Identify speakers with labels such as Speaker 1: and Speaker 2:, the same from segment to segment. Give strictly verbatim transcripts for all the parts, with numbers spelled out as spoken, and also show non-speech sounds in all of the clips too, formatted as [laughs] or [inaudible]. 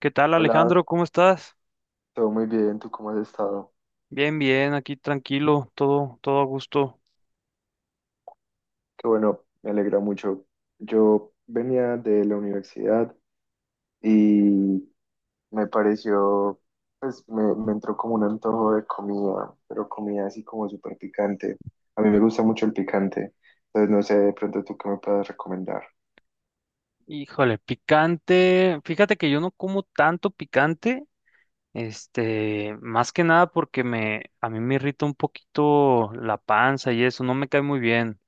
Speaker 1: ¿Qué tal,
Speaker 2: Hola,
Speaker 1: Alejandro? ¿Cómo estás?
Speaker 2: todo muy bien, ¿tú cómo has estado?
Speaker 1: Bien, bien, aquí tranquilo, todo, todo a gusto.
Speaker 2: Qué bueno, me alegra mucho. Yo venía de la universidad y me pareció, pues me, me entró como un antojo de comida, pero comida así como súper picante. A mí me gusta mucho el picante, entonces no sé de pronto tú qué me puedes recomendar.
Speaker 1: Híjole, picante. Fíjate que yo no como tanto picante, este, más que nada porque me, a mí me irrita un poquito la panza y eso, no me cae muy bien.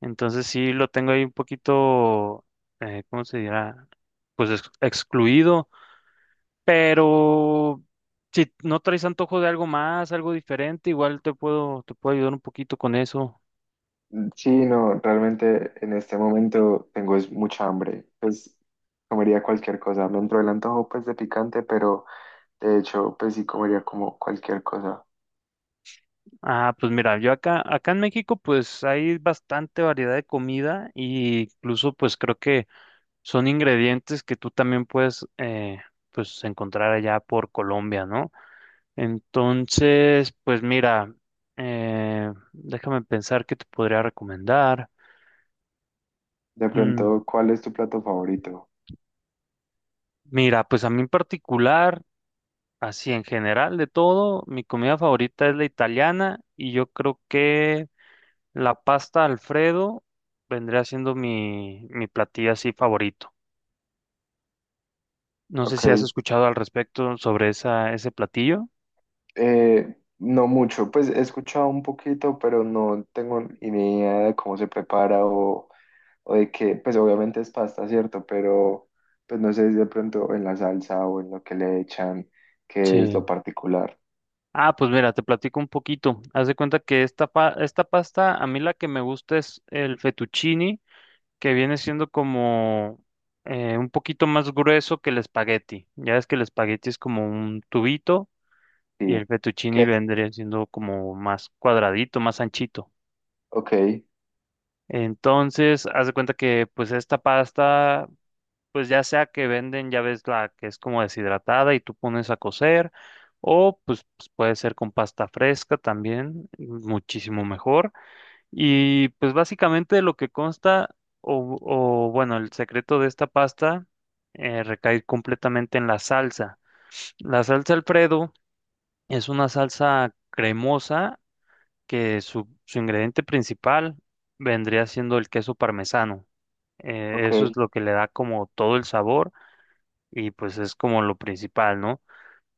Speaker 1: Entonces sí lo tengo ahí un poquito, eh, ¿cómo se dirá? Pues ex- excluido. Pero si no traes antojo de algo más, algo diferente, igual te puedo, te puedo ayudar un poquito con eso.
Speaker 2: Mm, sí, no, realmente en este momento tengo es mucha hambre, pues comería cualquier cosa. Me entró el antojo pues de picante, pero de hecho pues sí comería como cualquier cosa.
Speaker 1: Ah, pues mira, yo acá, acá en México pues hay bastante variedad de comida e incluso pues creo que son ingredientes que tú también puedes eh, pues encontrar allá por Colombia, ¿no? Entonces, pues mira, eh, déjame pensar qué te podría recomendar.
Speaker 2: De
Speaker 1: Mm,
Speaker 2: pronto, ¿cuál es tu plato favorito?
Speaker 1: mira, pues a mí en particular, así en general de todo, mi comida favorita es la italiana y yo creo que la pasta Alfredo vendría siendo mi, mi platillo así favorito. No sé
Speaker 2: Ok,
Speaker 1: si has escuchado al respecto sobre esa, ese platillo.
Speaker 2: eh, no mucho, pues he escuchado un poquito, pero no tengo ni idea de cómo se prepara o, o de qué, pues obviamente es pasta, ¿cierto? Pero pues no sé si de pronto en la salsa o en lo que le echan, qué es lo
Speaker 1: Sí.
Speaker 2: particular.
Speaker 1: Ah, pues mira, te platico un poquito. Haz de cuenta que esta, pa- esta pasta, a mí la que me gusta es el fettuccine, que viene siendo como eh, un poquito más grueso que el espagueti. Ya ves que el espagueti es como un tubito y
Speaker 2: Sí,
Speaker 1: el
Speaker 2: ¿qué
Speaker 1: fettuccine
Speaker 2: es?
Speaker 1: vendría siendo como más cuadradito, más anchito.
Speaker 2: Ok,
Speaker 1: Entonces, haz de cuenta que pues esta pasta, pues ya sea que venden, ya ves la que es como deshidratada y tú pones a cocer, o pues, pues, puede ser con pasta fresca también, muchísimo mejor. Y pues básicamente lo que consta, o, o, bueno, el secreto de esta pasta eh, recae completamente en la salsa. La salsa Alfredo es una salsa cremosa que su, su ingrediente principal vendría siendo el queso parmesano. Eh,
Speaker 2: ok,
Speaker 1: eso es lo que le da como todo el sabor y pues es como lo principal, ¿no?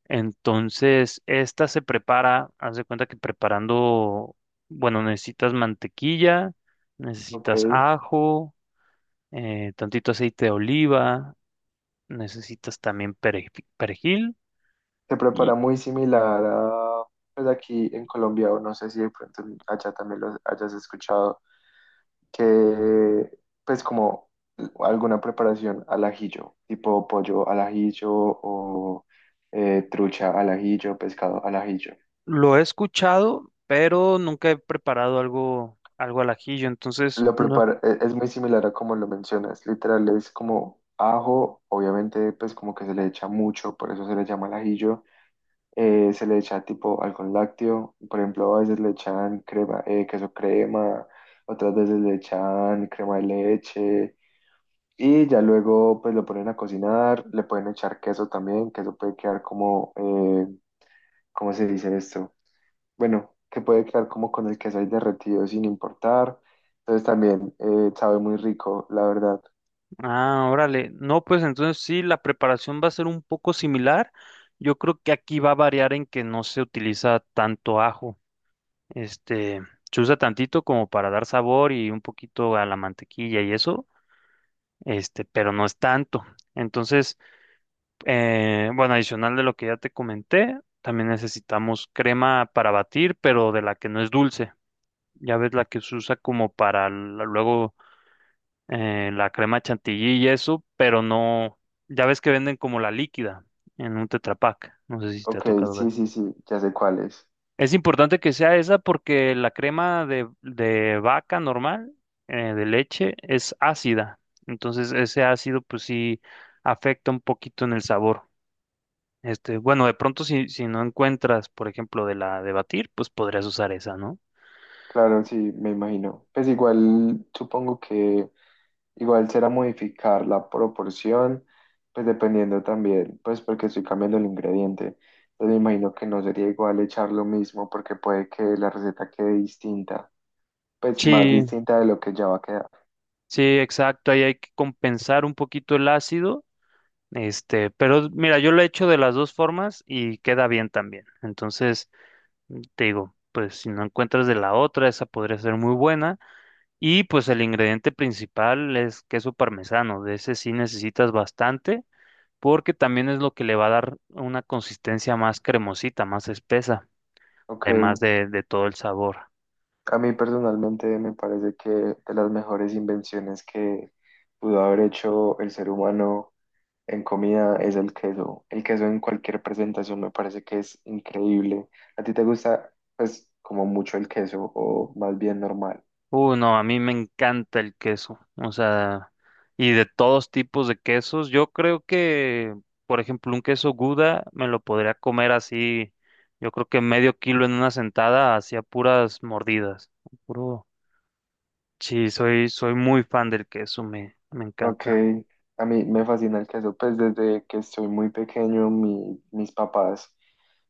Speaker 1: Entonces, esta se prepara, haz de cuenta que preparando, bueno, necesitas mantequilla, necesitas
Speaker 2: ok.
Speaker 1: ajo, eh, tantito aceite de oliva, necesitas también pereji- perejil
Speaker 2: Se prepara
Speaker 1: y
Speaker 2: muy similar a, pues aquí en Colombia, o no sé si de pronto allá también lo hayas escuchado que pues como alguna preparación al ajillo, tipo pollo al ajillo o eh, trucha al ajillo, pescado al ajillo.
Speaker 1: lo he escuchado, pero nunca he preparado algo, algo al ajillo, entonces
Speaker 2: Lo
Speaker 1: no.
Speaker 2: prepara, e- es muy similar a como lo mencionas, literal es como ajo, obviamente pues como que se le echa mucho, por eso se le llama al ajillo, eh, se le echa tipo algún lácteo, por ejemplo a veces le echan crema, eh, queso crema, otras veces le echan crema de leche. Y ya luego pues lo ponen a cocinar, le pueden echar queso también, que eso puede quedar como, eh, ¿cómo se dice esto? Bueno, que puede quedar como con el queso ahí derretido sin importar. Entonces también eh, sabe muy rico, la verdad.
Speaker 1: Ah, órale. No, pues entonces sí, la preparación va a ser un poco similar. Yo creo que aquí va a variar en que no se utiliza tanto ajo. Este, se usa tantito como para dar sabor y un poquito a la mantequilla y eso, este, pero no es tanto. Entonces, eh, bueno, adicional de lo que ya te comenté, también necesitamos crema para batir, pero de la que no es dulce. Ya ves la que se usa como para la- luego eh, la crema chantilly y eso, pero no, ya ves que venden como la líquida en un Tetra Pak, no sé si te ha
Speaker 2: Ok,
Speaker 1: tocado ver.
Speaker 2: sí, sí, sí, ya sé cuál es.
Speaker 1: Es importante que sea esa porque la crema de, de vaca normal, eh, de leche, es ácida, entonces ese ácido pues sí afecta un poquito en el sabor. Este, bueno, de pronto si, si no encuentras, por ejemplo, de la de batir, pues podrías usar esa, ¿no?
Speaker 2: Claro, sí, me imagino. Pues igual, supongo que igual será modificar la proporción, pues dependiendo también, pues porque estoy cambiando el ingrediente. Entonces me imagino que no sería igual echar lo mismo porque puede que la receta quede distinta, pues más
Speaker 1: Sí,
Speaker 2: distinta de lo que ya va a quedar.
Speaker 1: sí, exacto. Ahí hay que compensar un poquito el ácido. Este, pero mira, yo lo he hecho de las dos formas y queda bien también. Entonces, te digo, pues si no encuentras de la otra, esa podría ser muy buena. Y pues el ingrediente principal es queso parmesano. De ese sí necesitas bastante, porque también es lo que le va a dar una consistencia más cremosita, más espesa,
Speaker 2: Ok,
Speaker 1: además de, de todo el sabor.
Speaker 2: a mí personalmente me parece que de las mejores invenciones que pudo haber hecho el ser humano en comida es el queso. El queso en cualquier presentación me parece que es increíble. ¿A ti te gusta, pues, como mucho el queso o más bien normal?
Speaker 1: Uh, no, a mí me encanta el queso, o sea, y de todos tipos de quesos. Yo creo que, por ejemplo, un queso Gouda me lo podría comer así, yo creo que medio kilo en una sentada, hacia puras mordidas. Puro. Sí, soy, soy muy fan del queso, me, me
Speaker 2: Ok,
Speaker 1: encanta.
Speaker 2: a mí me fascina el queso, pues desde que estoy muy pequeño mi- mis papás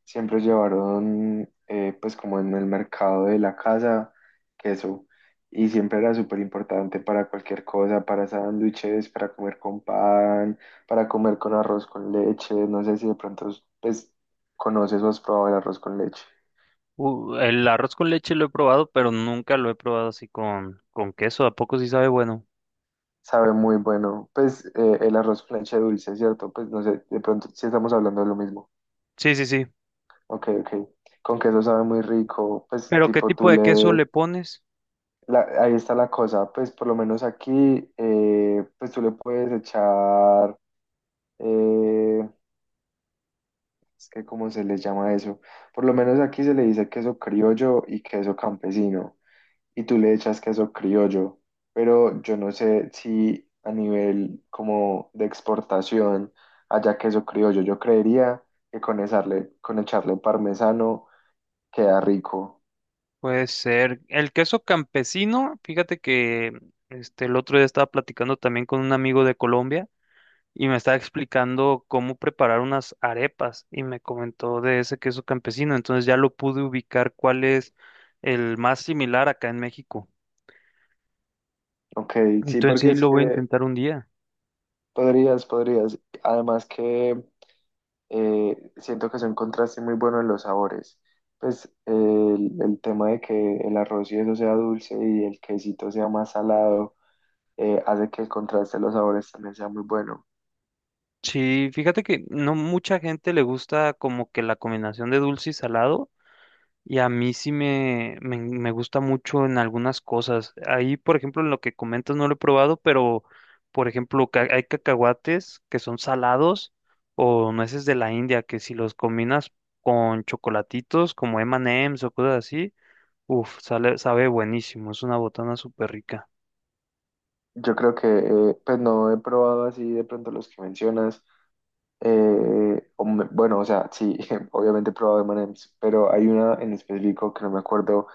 Speaker 2: siempre llevaron eh, pues como en el mercado de la casa queso y siempre era súper importante para cualquier cosa, para sándwiches, para comer con pan, para comer con arroz con leche, no sé si de pronto pues conoces o has probado el arroz con leche.
Speaker 1: Uh, el arroz con leche lo he probado, pero nunca lo he probado así con, con queso. ¿A poco sí sabe bueno?
Speaker 2: Sabe muy bueno, pues eh, el arroz con leche dulce, ¿cierto? Pues no sé, de pronto si estamos hablando de lo mismo.
Speaker 1: Sí, sí, sí.
Speaker 2: Ok, ok. Con queso sabe muy rico, pues
Speaker 1: ¿Pero qué
Speaker 2: tipo
Speaker 1: tipo
Speaker 2: tú
Speaker 1: de queso
Speaker 2: le...
Speaker 1: le pones?
Speaker 2: la- ahí está la cosa, pues por lo menos aquí, eh, pues tú le puedes echar... eh, es que cómo se les llama eso. Por lo menos aquí se le dice queso criollo y queso campesino. Y tú le echas queso criollo. Pero yo no sé si a nivel como de exportación haya queso criollo. Yo creería que con echarle, con echarle parmesano queda rico.
Speaker 1: Puede ser. El queso campesino, fíjate que este, el otro día estaba platicando también con un amigo de Colombia y me estaba explicando cómo preparar unas arepas y me comentó de ese queso campesino. Entonces ya lo pude ubicar cuál es el más similar acá en México.
Speaker 2: Ok, sí,
Speaker 1: Entonces
Speaker 2: porque
Speaker 1: sí, lo
Speaker 2: es
Speaker 1: voy a
Speaker 2: que
Speaker 1: intentar un día.
Speaker 2: podrías, podrías. Además que eh, siento que es un contraste muy bueno en los sabores. Pues eh, el, el tema de que el arroz y eso sea dulce y el quesito sea más salado, eh, hace que el contraste de los sabores también sea muy bueno.
Speaker 1: Sí, fíjate que no mucha gente le gusta como que la combinación de dulce y salado. Y a mí sí me, me, me gusta mucho en algunas cosas. Ahí, por ejemplo, en lo que comentas no lo he probado, pero, por ejemplo, ca- hay cacahuates que son salados o nueces de la India, que si los combinas con chocolatitos como M and M's o cosas así, uff, sale, sabe buenísimo. Es una botana súper rica.
Speaker 2: Yo creo que, eh, pues no he probado así de pronto los que mencionas. Eh, o me- bueno, o sea, sí, [laughs] obviamente he probado M and M's, pero hay una en específico que no me acuerdo,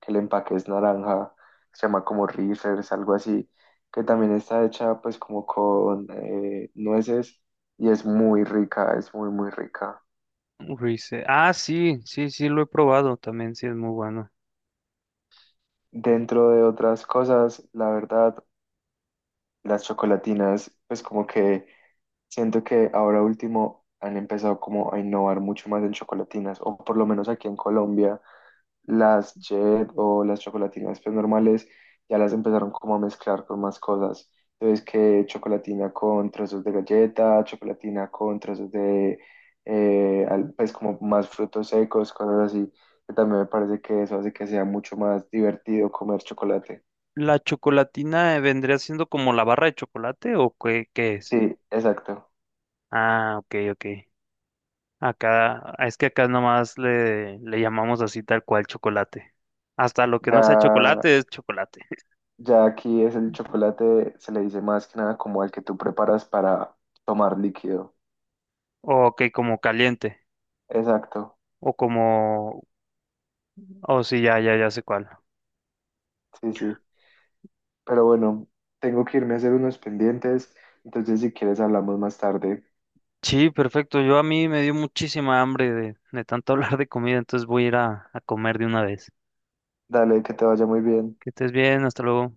Speaker 2: que el empaque es naranja, se llama como Reese's, algo así, que también está hecha pues como con eh, nueces y es muy rica, es muy, muy rica.
Speaker 1: Rice- Ah, sí, sí, sí, lo he probado también, sí, es muy bueno.
Speaker 2: Dentro de otras cosas, la verdad, las chocolatinas, pues como que siento que ahora último han empezado como a innovar mucho más en chocolatinas, o por lo menos aquí en Colombia. Las Chet o las chocolatinas pues normales ya las empezaron como a mezclar con más cosas. Entonces que chocolatina con trozos de galleta, chocolatina con trozos de eh, al- pues como más frutos secos, cosas así. Que también me parece que eso hace que sea mucho más divertido comer chocolate.
Speaker 1: ¿La chocolatina eh, vendría siendo como la barra de chocolate o qué, qué es?
Speaker 2: Sí, exacto.
Speaker 1: Ah, ok, ok. Acá, es que acá nomás le, le llamamos así tal cual chocolate. Hasta lo que no sea
Speaker 2: Ya,
Speaker 1: chocolate es chocolate. [laughs]
Speaker 2: ya aquí es el chocolate, se le dice más que nada como al que tú preparas para tomar líquido.
Speaker 1: O que como caliente.
Speaker 2: Exacto.
Speaker 1: O como... O sí, ya, ya, ya sé cuál.
Speaker 2: Sí, sí. Pero bueno, tengo que irme a hacer unos pendientes, entonces si quieres hablamos más tarde.
Speaker 1: Sí, perfecto. Yo a mí me dio muchísima hambre de, de tanto [laughs] hablar de comida, entonces voy a ir a, a comer de una vez.
Speaker 2: Dale, que te vaya muy bien.
Speaker 1: Que estés bien, hasta luego.